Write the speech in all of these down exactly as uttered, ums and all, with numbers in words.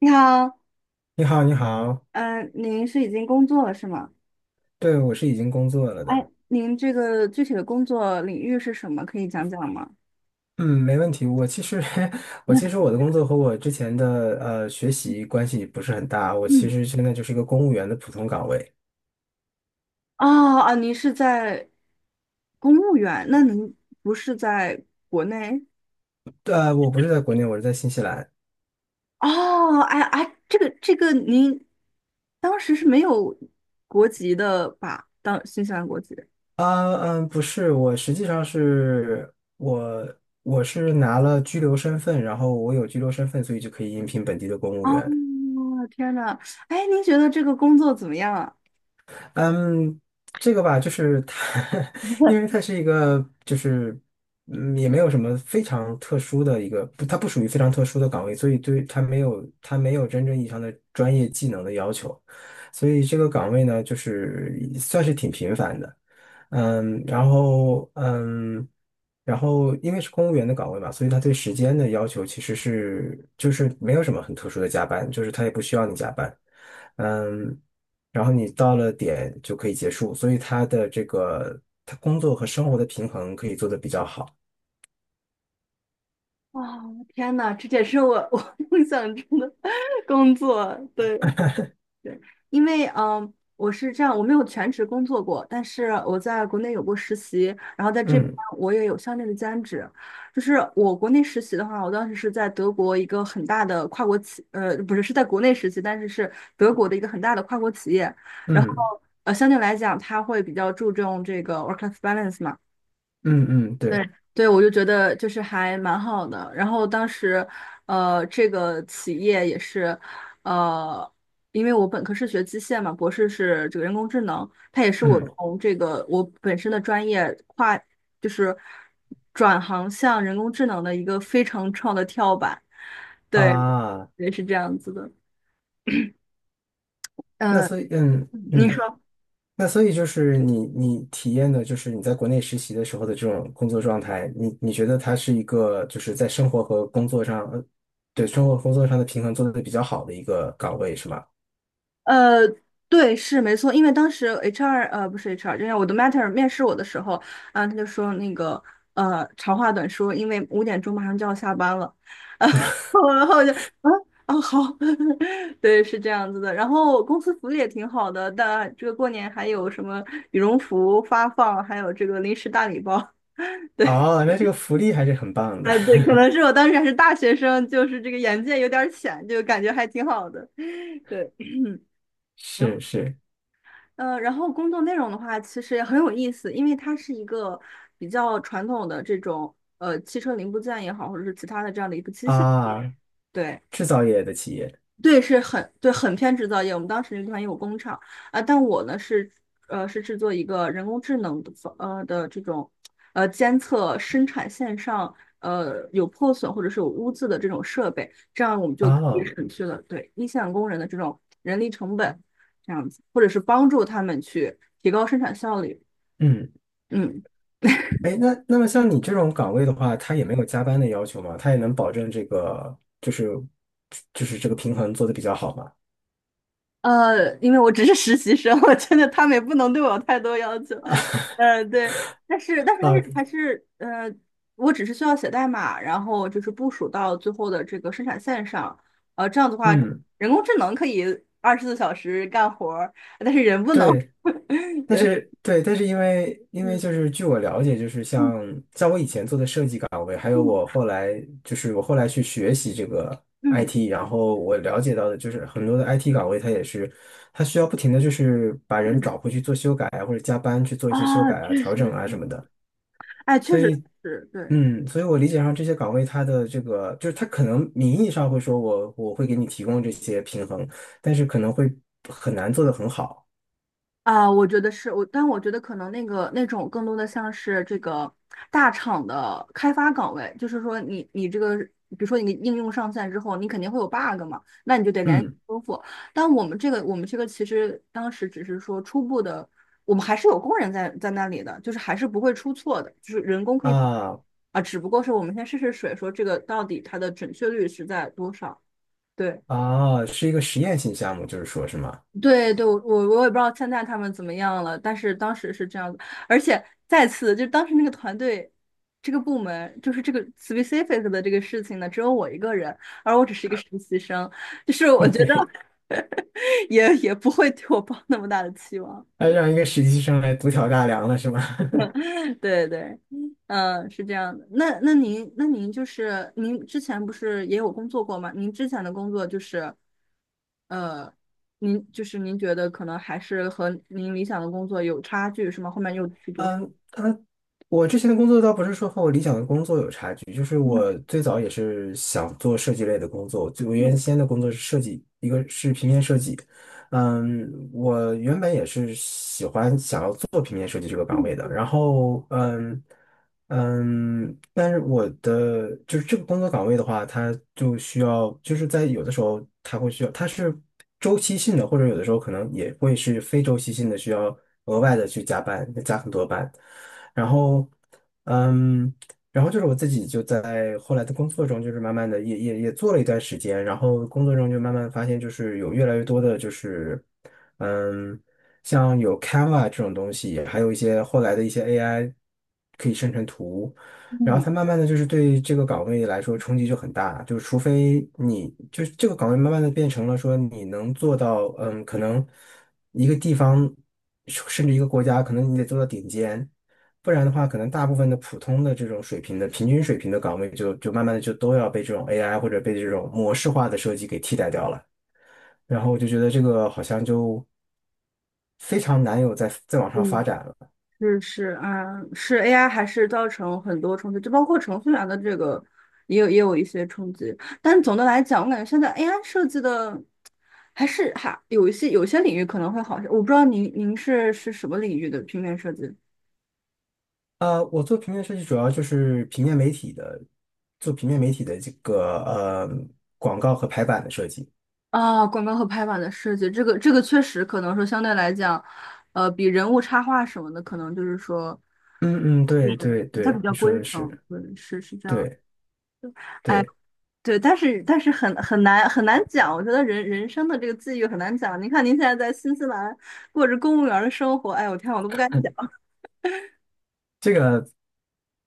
你好，你好，你好。嗯、您是已经工作了是吗？对，我是已经工作了哎，的。您这个具体的工作领域是什么？可以讲讲吗？嗯，没问题。我其实，我其实 我的工作和我之前的呃学习关系不是很大。我其嗯，实现在就是一个公务员的普通岗位。哦啊，您是在公务员，那您不是在国内？对，我不是在国内，我是在新西兰。哦，哎哎，这个这个，您当时是没有国籍的吧？当新西兰国籍。啊，嗯，不是，我实际上是我我是拿了居留身份，然后我有居留身份，所以就可以应聘本地的公务哦，员。天呐，哎，您觉得这个工作怎么样啊？嗯，这个吧，就是它，因为 它是一个，就是嗯，也没有什么非常特殊的一个，不，它不属于非常特殊的岗位，所以对它没有它没有真正意义上的专业技能的要求，所以这个岗位呢，就是算是挺频繁的。嗯，然后嗯，然后因为是公务员的岗位嘛，所以他对时间的要求其实是就是没有什么很特殊的加班，就是他也不需要你加班，嗯，然后你到了点就可以结束，所以他的这个他工作和生活的平衡可以做得比较好。哇，天呐，这也是我我 梦想中的 工作。对对，因为嗯，我是这样，我没有全职工作过，但是我在国内有过实习，然后在这边嗯我也有相应的兼职。就是我国内实习的话，我当时是在德国一个很大的跨国企，呃，不是，是在国内实习，但是是德国的一个很大的跨国企业。然后嗯呃，相对来讲，它会比较注重这个 work-life balance 嘛。嗯嗯，对，对对，我就觉得就是还蛮好的。然后当时，呃，这个企业也是，呃，因为我本科是学机械嘛，博士是这个人工智能，它也是我嗯。从这个我本身的专业跨，就是转行向人工智能的一个非常创的跳板。对，啊，也是这样子的。那呃，所以嗯你嗯。说。那所以就是你你体验的，就是你在国内实习的时候的这种工作状态，你你觉得它是一个就是在生活和工作上，呃对生活和工作上的平衡做得比较好的一个岗位是吗？呃，对，是没错，因为当时 H R 呃不是 H R，就是我的 matter 面试我的时候，啊，他就说那个呃长话短说，因为五点钟马上就要下班了，啊，然后我就啊啊好，对，是这样子的。然后公司福利也挺好的，但这个过年还有什么羽绒服发放，还有这个零食大礼包。对，哦，那这个福利还是很棒的。啊对，可能是我当时还是大学生，就是这个眼界有点儿浅，就感觉还挺好的。对。是是。呃，然后工作内容的话，其实也很有意思，因为它是一个比较传统的这种呃汽车零部件也好，或者是其他的这样的一个机械，啊，对，制造业的企业。对，是很对，很偏制造业。我们当时那个地方也有工厂啊，但我呢是呃是制作一个人工智能的方呃的这种呃监测生产线上呃有破损或者是有污渍的这种设备，这样我们就可以哦，省去了对一线工人的这种人力成本，这样子，或者是帮助他们去提高生产效率。嗯，嗯。哎，那那么像你这种岗位的话，它也没有加班的要求吗？它也能保证这个就是就是这个平衡做得比较好吗？呃，因为我只是实习生，我觉得他们也不能对我有太多要求。呃，对，但是但是还啊，是还是呃，我只是需要写代码，然后就是部署到最后的这个生产线上。呃，这样的话，嗯。人工智能可以二十四小时干活儿，但是人不能。对，但对，是对，但是因为因为就嗯是据我了解，就是嗯像像我以前做的设计岗位，还有我嗯后来就是我后来去学习这个 嗯 I T，然后我了解到的就是很多的 I T 岗位，它也是它需要不停的就是把人嗯，找回去做修改啊，或者加班去做一些修啊，改啊、确调实整啊什是，么的。哎，确所实以，是，对。嗯，所以我理解上这些岗位它的这个就是它可能名义上会说我我会给你提供这些平衡，但是可能会很难做得很好。啊，我觉得是我，但我觉得可能那个那种更多的像是这个大厂的开发岗位，就是说你你这个，比如说你应用上线之后，你肯定会有 bug 嘛，那你就得连嗯。修复。但我们这个我们这个其实当时只是说初步的，我们还是有工人在在那里的，就是还是不会出错的，就是人工可以啊，啊，只不过是我们先试试水，说这个到底它的准确率是在多少。对。啊，是一个实验性项目，就是说是吗？对对，我我我也不知道现在他们怎么样了，但是当时是这样子，而且再次就当时那个团队，这个部门就是这个 specific 的这个事情呢，只有我一个人，而我只是一个实习生，就是我 觉得 对，也也不会对我抱那么大的期望。那对让一个实习生来独挑大梁了是吗？对对，嗯，是这样的。那那您那您就是您之前不是也有工作过吗？您之前的工作就是，呃，您就是您觉得可能还是和您理想的工作有差距是吗？后面又去读书。嗯，他，我之前的工作倒不是说和我理想的工作有差距，就是嗯，我最早也是想做设计类的工作，就我原先对的工作是设计，一个是平面设计，嗯，我原本也是喜欢想要做平面设计这个岗位的，然后嗯嗯，但是我的就是这个工作岗位的话，它就需要就是在有的时候它会需要，它是周期性的，或者有的时候可能也会是非周期性的，需要额外的去加班，加很多班，然后。嗯，然后就是我自己就在后来的工作中，就是慢慢的也也也做了一段时间，然后工作中就慢慢发现，就是有越来越多的，就是嗯，像有 Canva 这种东西，还有一些后来的一些 A I 可以生成图，然后它慢慢的就是对这个岗位来说冲击就很大，就是除非你就是这个岗位慢慢的变成了说你能做到，嗯，可能一个地方甚至一个国家，可能你得做到顶尖。不然的话，可能大部分的普通的这种水平的平均水平的岗位就，就慢慢的就都要被这种 A I 或者被这种模式化的设计给替代掉了。然后我就觉得这个好像就非常难有再再往上发嗯。展了。是是，嗯，是 A I 还是造成很多冲击，就包括程序员的这个，也有也有一些冲击。但总的来讲，我感觉现在 A I 设计的还是还有一些有些领域可能会好一些。我不知道您您是是什么领域的平面设计呃，我做平面设计主要就是平面媒体的，做平面媒体的这个呃广告和排版的设计。啊？广告和排版的设计，这个这个确实可能说相对来讲，呃，比人物插画什么的，可能就是说，嗯嗯，就对对是它比对，较你规说的整，是。对，是是这样。对对。对，但是但是很很难很难讲，我觉得人人生的这个际遇很难讲。您看您现在在新西兰过着公务员的生活，哎我天，我都不敢想。这个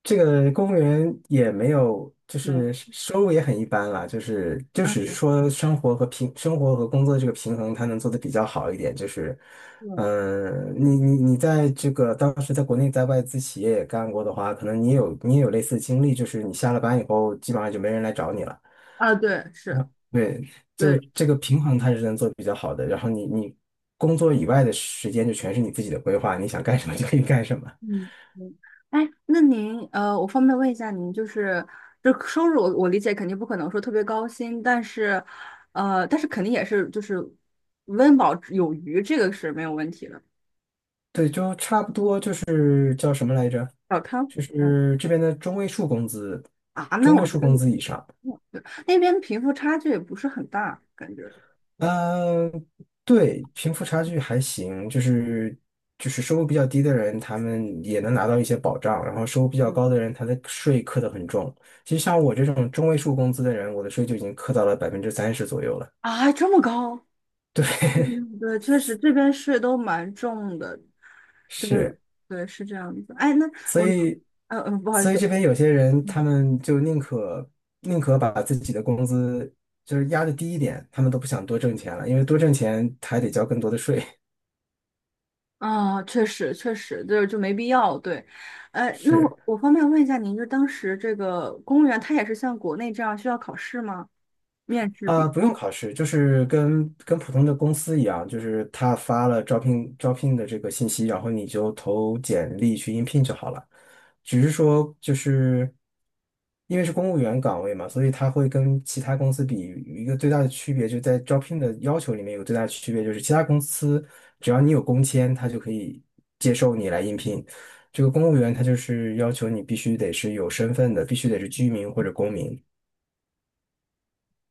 这个公务员也没有，就嗯是收入也很一般啦，就是就啊，是说生活和平生活和工作这个平衡，他能做的比较好一点。就是，嗯嗯、你你你在这个当时在国内在外资企业也干过的话，可能你也有你也有类似的经历，就是你下了班以后，基本上就没人来找你了。啊，对，是，对，就对，这个平衡它是能做得比较好的。然后你你工作以外的时间就全是你自己的规划，你想干什么就可以干什么。嗯嗯。哎，那您呃，我方便问一下您，就是这收入我，我理解肯定不可能说特别高薪，但是呃，但是肯定也是就是温饱有余，这个是没有问题的。对，就差不多就是叫什么来着？小康就这样是这边的中位数工资，啊，那中位我觉数得工也资以上。对，那边贫富差距也不是很大，感觉。嗯，对，贫富差距还行，就是就是收入比较低的人，他们也能拿到一些保障，然后收入比较嗯高的人，他的税课得很重。其实像我这种中位数工资的人，我的税就已经课到了百分之三十左右了。啊，这么高？对，嗯，对，确实这边税都蛮重的。对，是。对，是这样子。哎，那所我，以，呃，呃，不好意所以这思，边有些人他们就宁可宁可把自己的工资就是压的低一点，他们都不想多挣钱了，因为多挣钱还得交更多的税。啊，确实，确实，就就没必要。对，哎，那 我是。我方便问一下您，就当时这个公务员，他也是像国内这样需要考试吗？面试啊，比？不用考试，就是跟跟普通的公司一样，就是他发了招聘招聘的这个信息，然后你就投简历去应聘就好了。只是说，就是因为是公务员岗位嘛，所以他会跟其他公司比，有一个最大的区别就在招聘的要求里面有个最大的区别，就是其他公司只要你有工签，他就可以接受你来应聘。这个公务员他就是要求你必须得是有身份的，必须得是居民或者公民。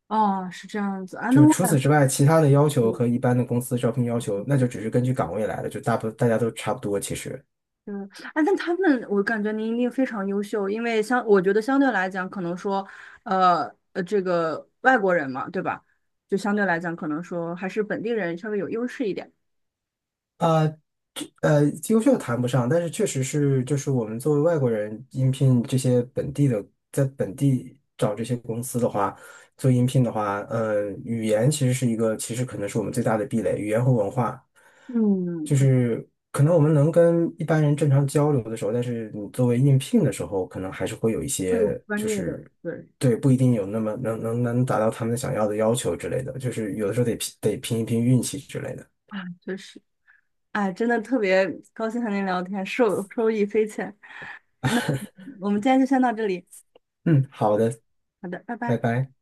哦，是这样子啊。那就我除此之外，其他的要求和一般的公司招聘要求，那就只是根据岗位来的，就大部大家都差不多其实。嗯，哎，但他们，我感觉您一定非常优秀，因为相，我觉得相对来讲，可能说，呃呃，这个外国人嘛，对吧？就相对来讲，可能说还是本地人稍微有优势一点。呃呃，优秀谈不上，但是确实是，就是我们作为外国人应聘这些本地的，在本地找这些公司的话，做应聘的话，呃，语言其实是一个，其实可能是我们最大的壁垒，语言和文化，嗯，就对，是可能我们能跟一般人正常交流的时候，但是你作为应聘的时候，可能还是会有一会有些，专就业的，是对，对，不一定有那么能能能达到他们想要的要求之类的，就是有的时候得拼得拼一拼运气之类的。啊，确实，哎，真的特别高兴和您聊天，受受益匪浅。那 我们今天就先到这里，嗯，好的，好的，拜拜拜。拜。